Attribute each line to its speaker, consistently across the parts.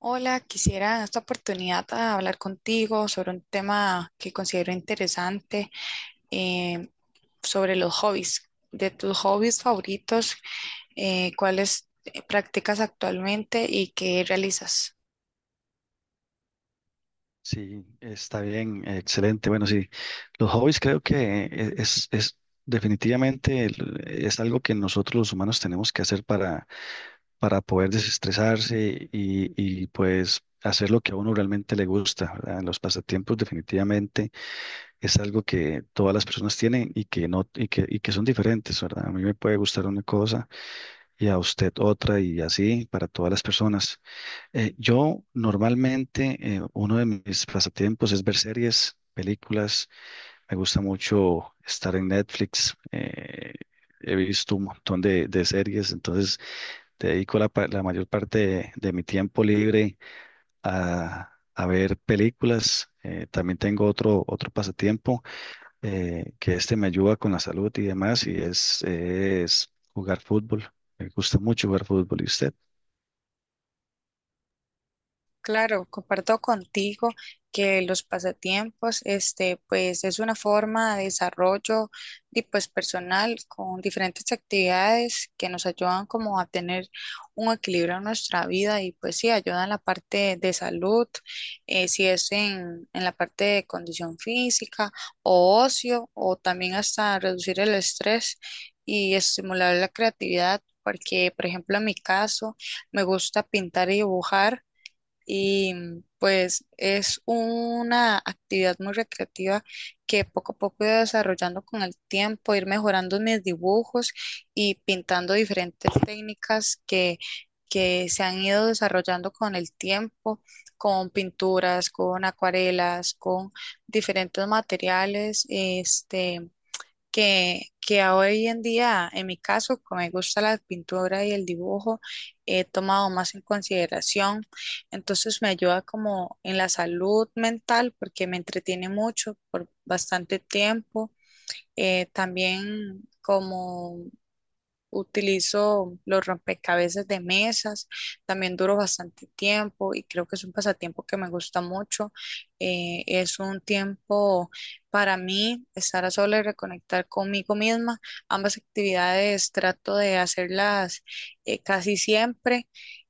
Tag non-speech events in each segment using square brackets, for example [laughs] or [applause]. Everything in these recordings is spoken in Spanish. Speaker 1: Hola, quisiera en esta oportunidad hablar contigo sobre un tema que considero interesante, eh, sobre los hobbies. De tus hobbies favoritos, cuáles practicas actualmente y qué realizas?
Speaker 2: Sí, está bien, excelente. Bueno, sí, los hobbies creo que es definitivamente es algo que nosotros los humanos tenemos que hacer para poder desestresarse y pues hacer lo que a uno realmente le gusta, ¿verdad? Los pasatiempos definitivamente es algo que todas las personas tienen y que no, y que son diferentes, ¿verdad? A mí me puede gustar una cosa y a usted otra y así para todas las personas. Yo normalmente, uno de mis pasatiempos es ver series, películas. Me gusta mucho estar en Netflix. He visto un montón de series, entonces dedico la mayor parte de mi tiempo libre a ver películas. También tengo otro pasatiempo que este me ayuda con la salud y demás, y es jugar fútbol. Me gusta mucho jugar fútbol. ¿Y usted?
Speaker 1: Claro, comparto contigo que los pasatiempos, este, pues es una forma de desarrollo y pues personal con diferentes actividades que nos ayudan como a tener un equilibrio en nuestra vida y pues sí, ayudan en la parte de salud, si es en la parte de condición física o ocio o también hasta reducir el estrés y estimular la creatividad, porque por ejemplo en mi caso me gusta pintar y dibujar. Y pues es una actividad muy recreativa que poco a poco he ido desarrollando con el tiempo, ir mejorando mis dibujos y pintando diferentes técnicas que se han ido desarrollando con el tiempo, con pinturas, con acuarelas, con diferentes materiales, este, que hoy en día, en mi caso, que me gusta la pintura y el dibujo, he tomado más en consideración. Entonces me ayuda como en la salud mental porque me entretiene mucho por bastante tiempo. También como utilizo los rompecabezas de mesas, también duro bastante tiempo y creo que es un pasatiempo que me gusta mucho. Es un tiempo para mí estar a solas y reconectar conmigo misma. Ambas actividades trato de hacerlas casi siempre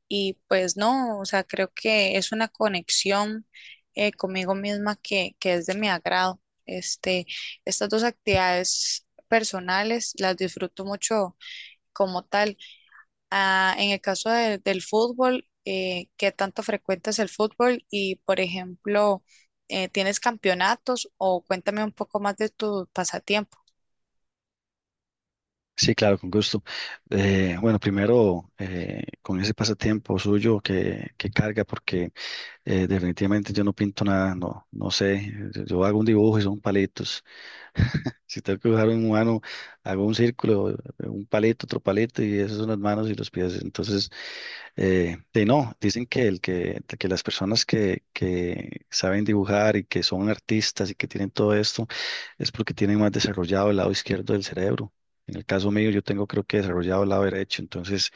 Speaker 1: y pues no, o sea, creo que es una conexión conmigo misma que es de mi agrado. Este, estas dos actividades personales las disfruto mucho como tal. Ah, en el caso del fútbol, ¿qué tanto frecuentas el fútbol? Y, por ejemplo, ¿tienes campeonatos o cuéntame un poco más de tu pasatiempo?
Speaker 2: Sí, claro, con gusto. Bueno, primero, con ese pasatiempo suyo que carga, porque definitivamente yo no pinto nada, no, no sé. Yo hago un dibujo y son palitos. [laughs] Si tengo que dibujar un humano, hago un círculo, un palito, otro palito, y esas son las manos y los pies. Entonces, de no, dicen que que las personas que saben dibujar y que son artistas y que tienen todo esto es porque tienen más desarrollado el lado izquierdo del cerebro. En el caso mío, yo tengo creo que desarrollado el lado derecho, entonces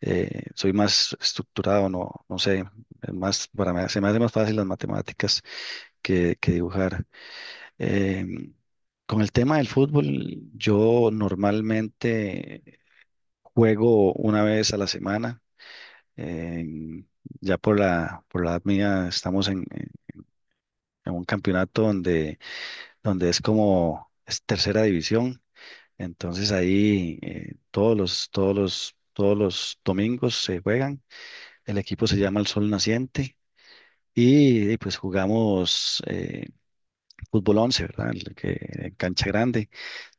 Speaker 2: soy más estructurado, no, no sé. Es más, para mí, se me hace más fácil las matemáticas que dibujar. Em, con el tema del fútbol, yo normalmente juego una vez a la semana. Em, ya por la edad mía estamos en un campeonato donde es como es tercera división. Entonces ahí todos los domingos se juegan. El equipo se llama El Sol Naciente. Pues jugamos fútbol 11, ¿verdad? En cancha grande.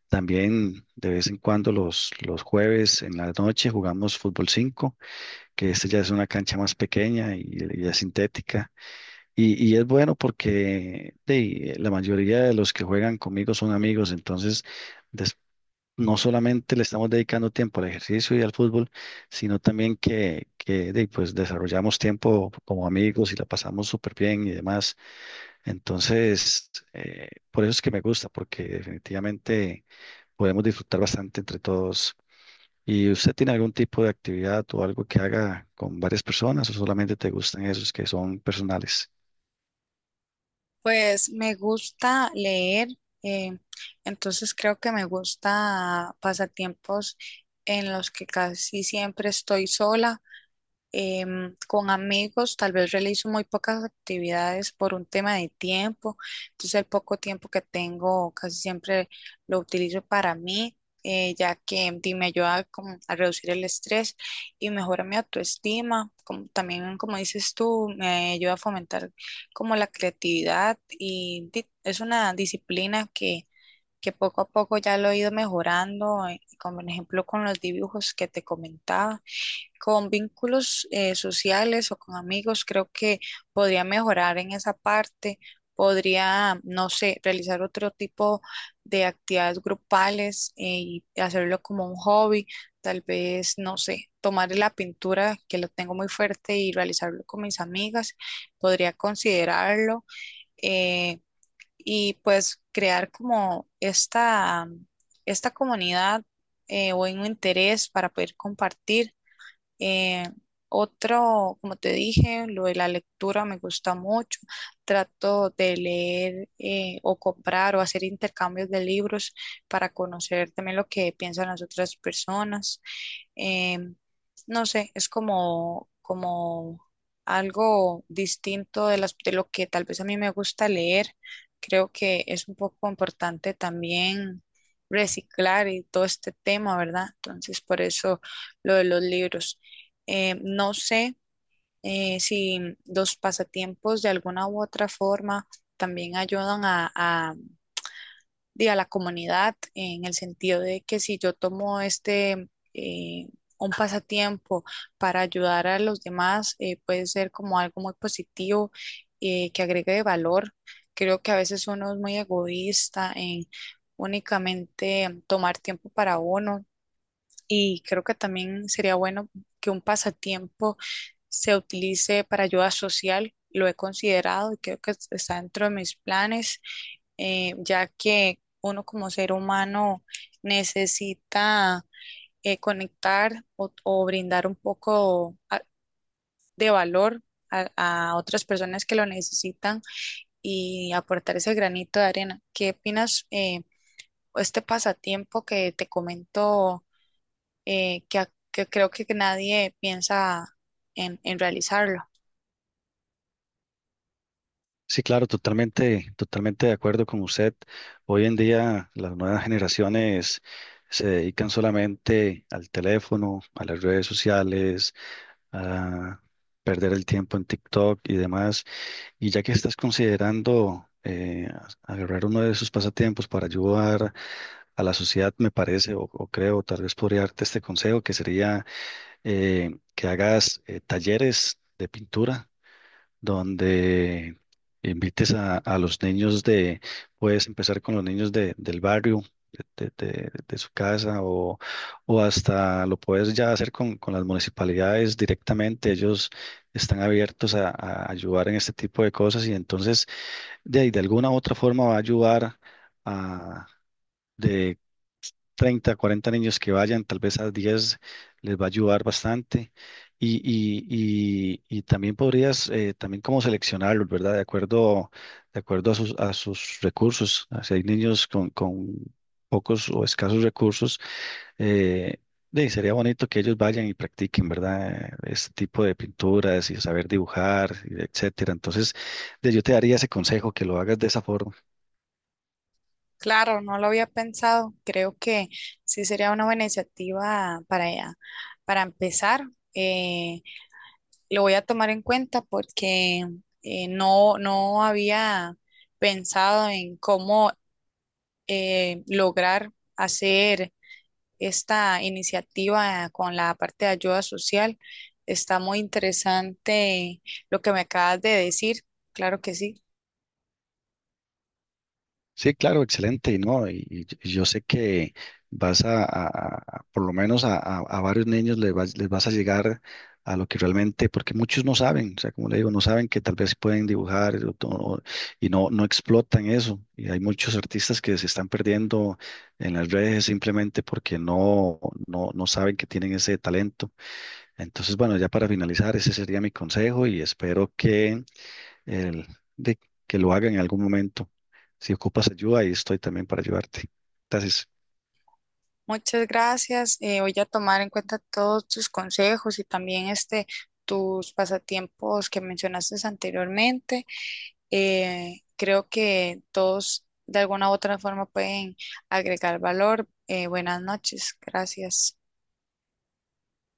Speaker 2: También de vez en cuando los jueves en la noche jugamos fútbol 5, que este ya es una cancha más pequeña y es sintética. Y es bueno porque la mayoría de los que juegan conmigo son amigos, entonces des- no solamente le estamos dedicando tiempo al ejercicio y al fútbol, sino también pues desarrollamos tiempo como amigos y la pasamos súper bien y demás. Entonces, por eso es que me gusta, porque definitivamente podemos disfrutar bastante entre todos. ¿Y usted tiene algún tipo de actividad o algo que haga con varias personas o solamente te gustan esos que son personales?
Speaker 1: Pues me gusta leer, eh, entonces creo que me gusta pasatiempos en los que casi siempre estoy sola, con amigos tal vez realizo muy pocas actividades por un tema de tiempo, entonces el poco tiempo que tengo casi siempre lo utilizo para mí, ya que di, me ayuda como a reducir el estrés y mejora mi autoestima, como, también como dices tú, me ayuda a fomentar como la creatividad y di, es una disciplina que poco a poco ya lo he ido mejorando, como por ejemplo con los dibujos que te comentaba con vínculos sociales o con amigos, creo que podría mejorar en esa parte, podría, no sé, realizar otro tipo de actividades grupales y hacerlo como un hobby, tal vez, no sé, tomar la pintura que lo tengo muy fuerte y realizarlo con mis amigas, podría considerarlo eh, y pues crear como esta comunidad o un interés para poder compartir, eh, otro, como te dije, lo de la lectura me gusta mucho. Trato de leer o comprar o hacer intercambios de libros para conocer también lo que piensan las otras personas. Em, no sé, es como, como algo distinto de de lo que tal vez a mí me gusta leer. Creo que es un poco importante también reciclar y todo este tema, ¿verdad? Entonces, por eso lo de los libros. No sé si los pasatiempos de alguna u otra forma también ayudan di, a la comunidad en el sentido de que si yo tomo este, un pasatiempo para ayudar a los demás, puede ser como algo muy positivo que agregue de valor. Creo que a veces uno es muy egoísta en únicamente tomar tiempo para uno y creo que también sería bueno que un pasatiempo se utilice para ayuda social. Lo he considerado y creo que está dentro de mis planes, ya que uno como ser humano necesita conectar o brindar un poco de valor a, a otras personas que lo necesitan y aportar ese granito de arena. ¿Qué opinas, este pasatiempo que te comento? Que creo que nadie piensa en realizarlo.
Speaker 2: Sí, claro, totalmente, totalmente de acuerdo con usted. Hoy en día las nuevas generaciones se dedican solamente al teléfono, a las redes sociales, a perder el tiempo en TikTok y demás. Y ya que estás considerando agarrar uno de sus pasatiempos para ayudar a la sociedad, me parece, o creo, tal vez podría darte este consejo, que sería que hagas talleres de pintura donde invites a los niños puedes empezar con los niños del barrio. De su casa o hasta lo puedes ya hacer con las municipalidades directamente. Ellos están abiertos a ayudar en este tipo de cosas y entonces de alguna u otra forma va a ayudar a de 30 a 40 niños que vayan, tal vez a 10 les va a ayudar bastante. Y también podrías, también como seleccionarlos, ¿verdad? De acuerdo a sus recursos. Ah, si hay niños con pocos o escasos recursos, eh, de sería bonito que ellos vayan y practiquen, ¿verdad? Este tipo de pinturas y saber dibujar, etcétera. Entonces, yo te daría ese consejo, que lo hagas de esa forma.
Speaker 1: Claro, no lo había pensado. Creo que sí sería una buena iniciativa para empezar. Eh, lo voy a tomar en cuenta porque no, no había pensado en cómo lograr hacer esta iniciativa con la parte de ayuda social. Está muy interesante lo que me acabas de decir. Claro que sí.
Speaker 2: Sí, claro, excelente, y no, y yo sé que vas por lo menos a varios niños les vas a llegar a lo que realmente, porque muchos no saben, o sea, como le digo, no saben que tal vez pueden dibujar y no explotan eso, y hay muchos artistas que se están perdiendo en las redes simplemente porque no saben que tienen ese talento. Entonces, bueno, ya para finalizar, ese sería mi consejo y espero que el- de que lo haga en algún momento. Si ocupas ayuda, ahí estoy también para ayudarte. Entonces,
Speaker 1: Muchas gracias. Voy a tomar en cuenta todos tus consejos y también este, tus pasatiempos que mencionaste anteriormente. Creo que todos de alguna u otra forma pueden agregar valor. Buenas noches. Gracias.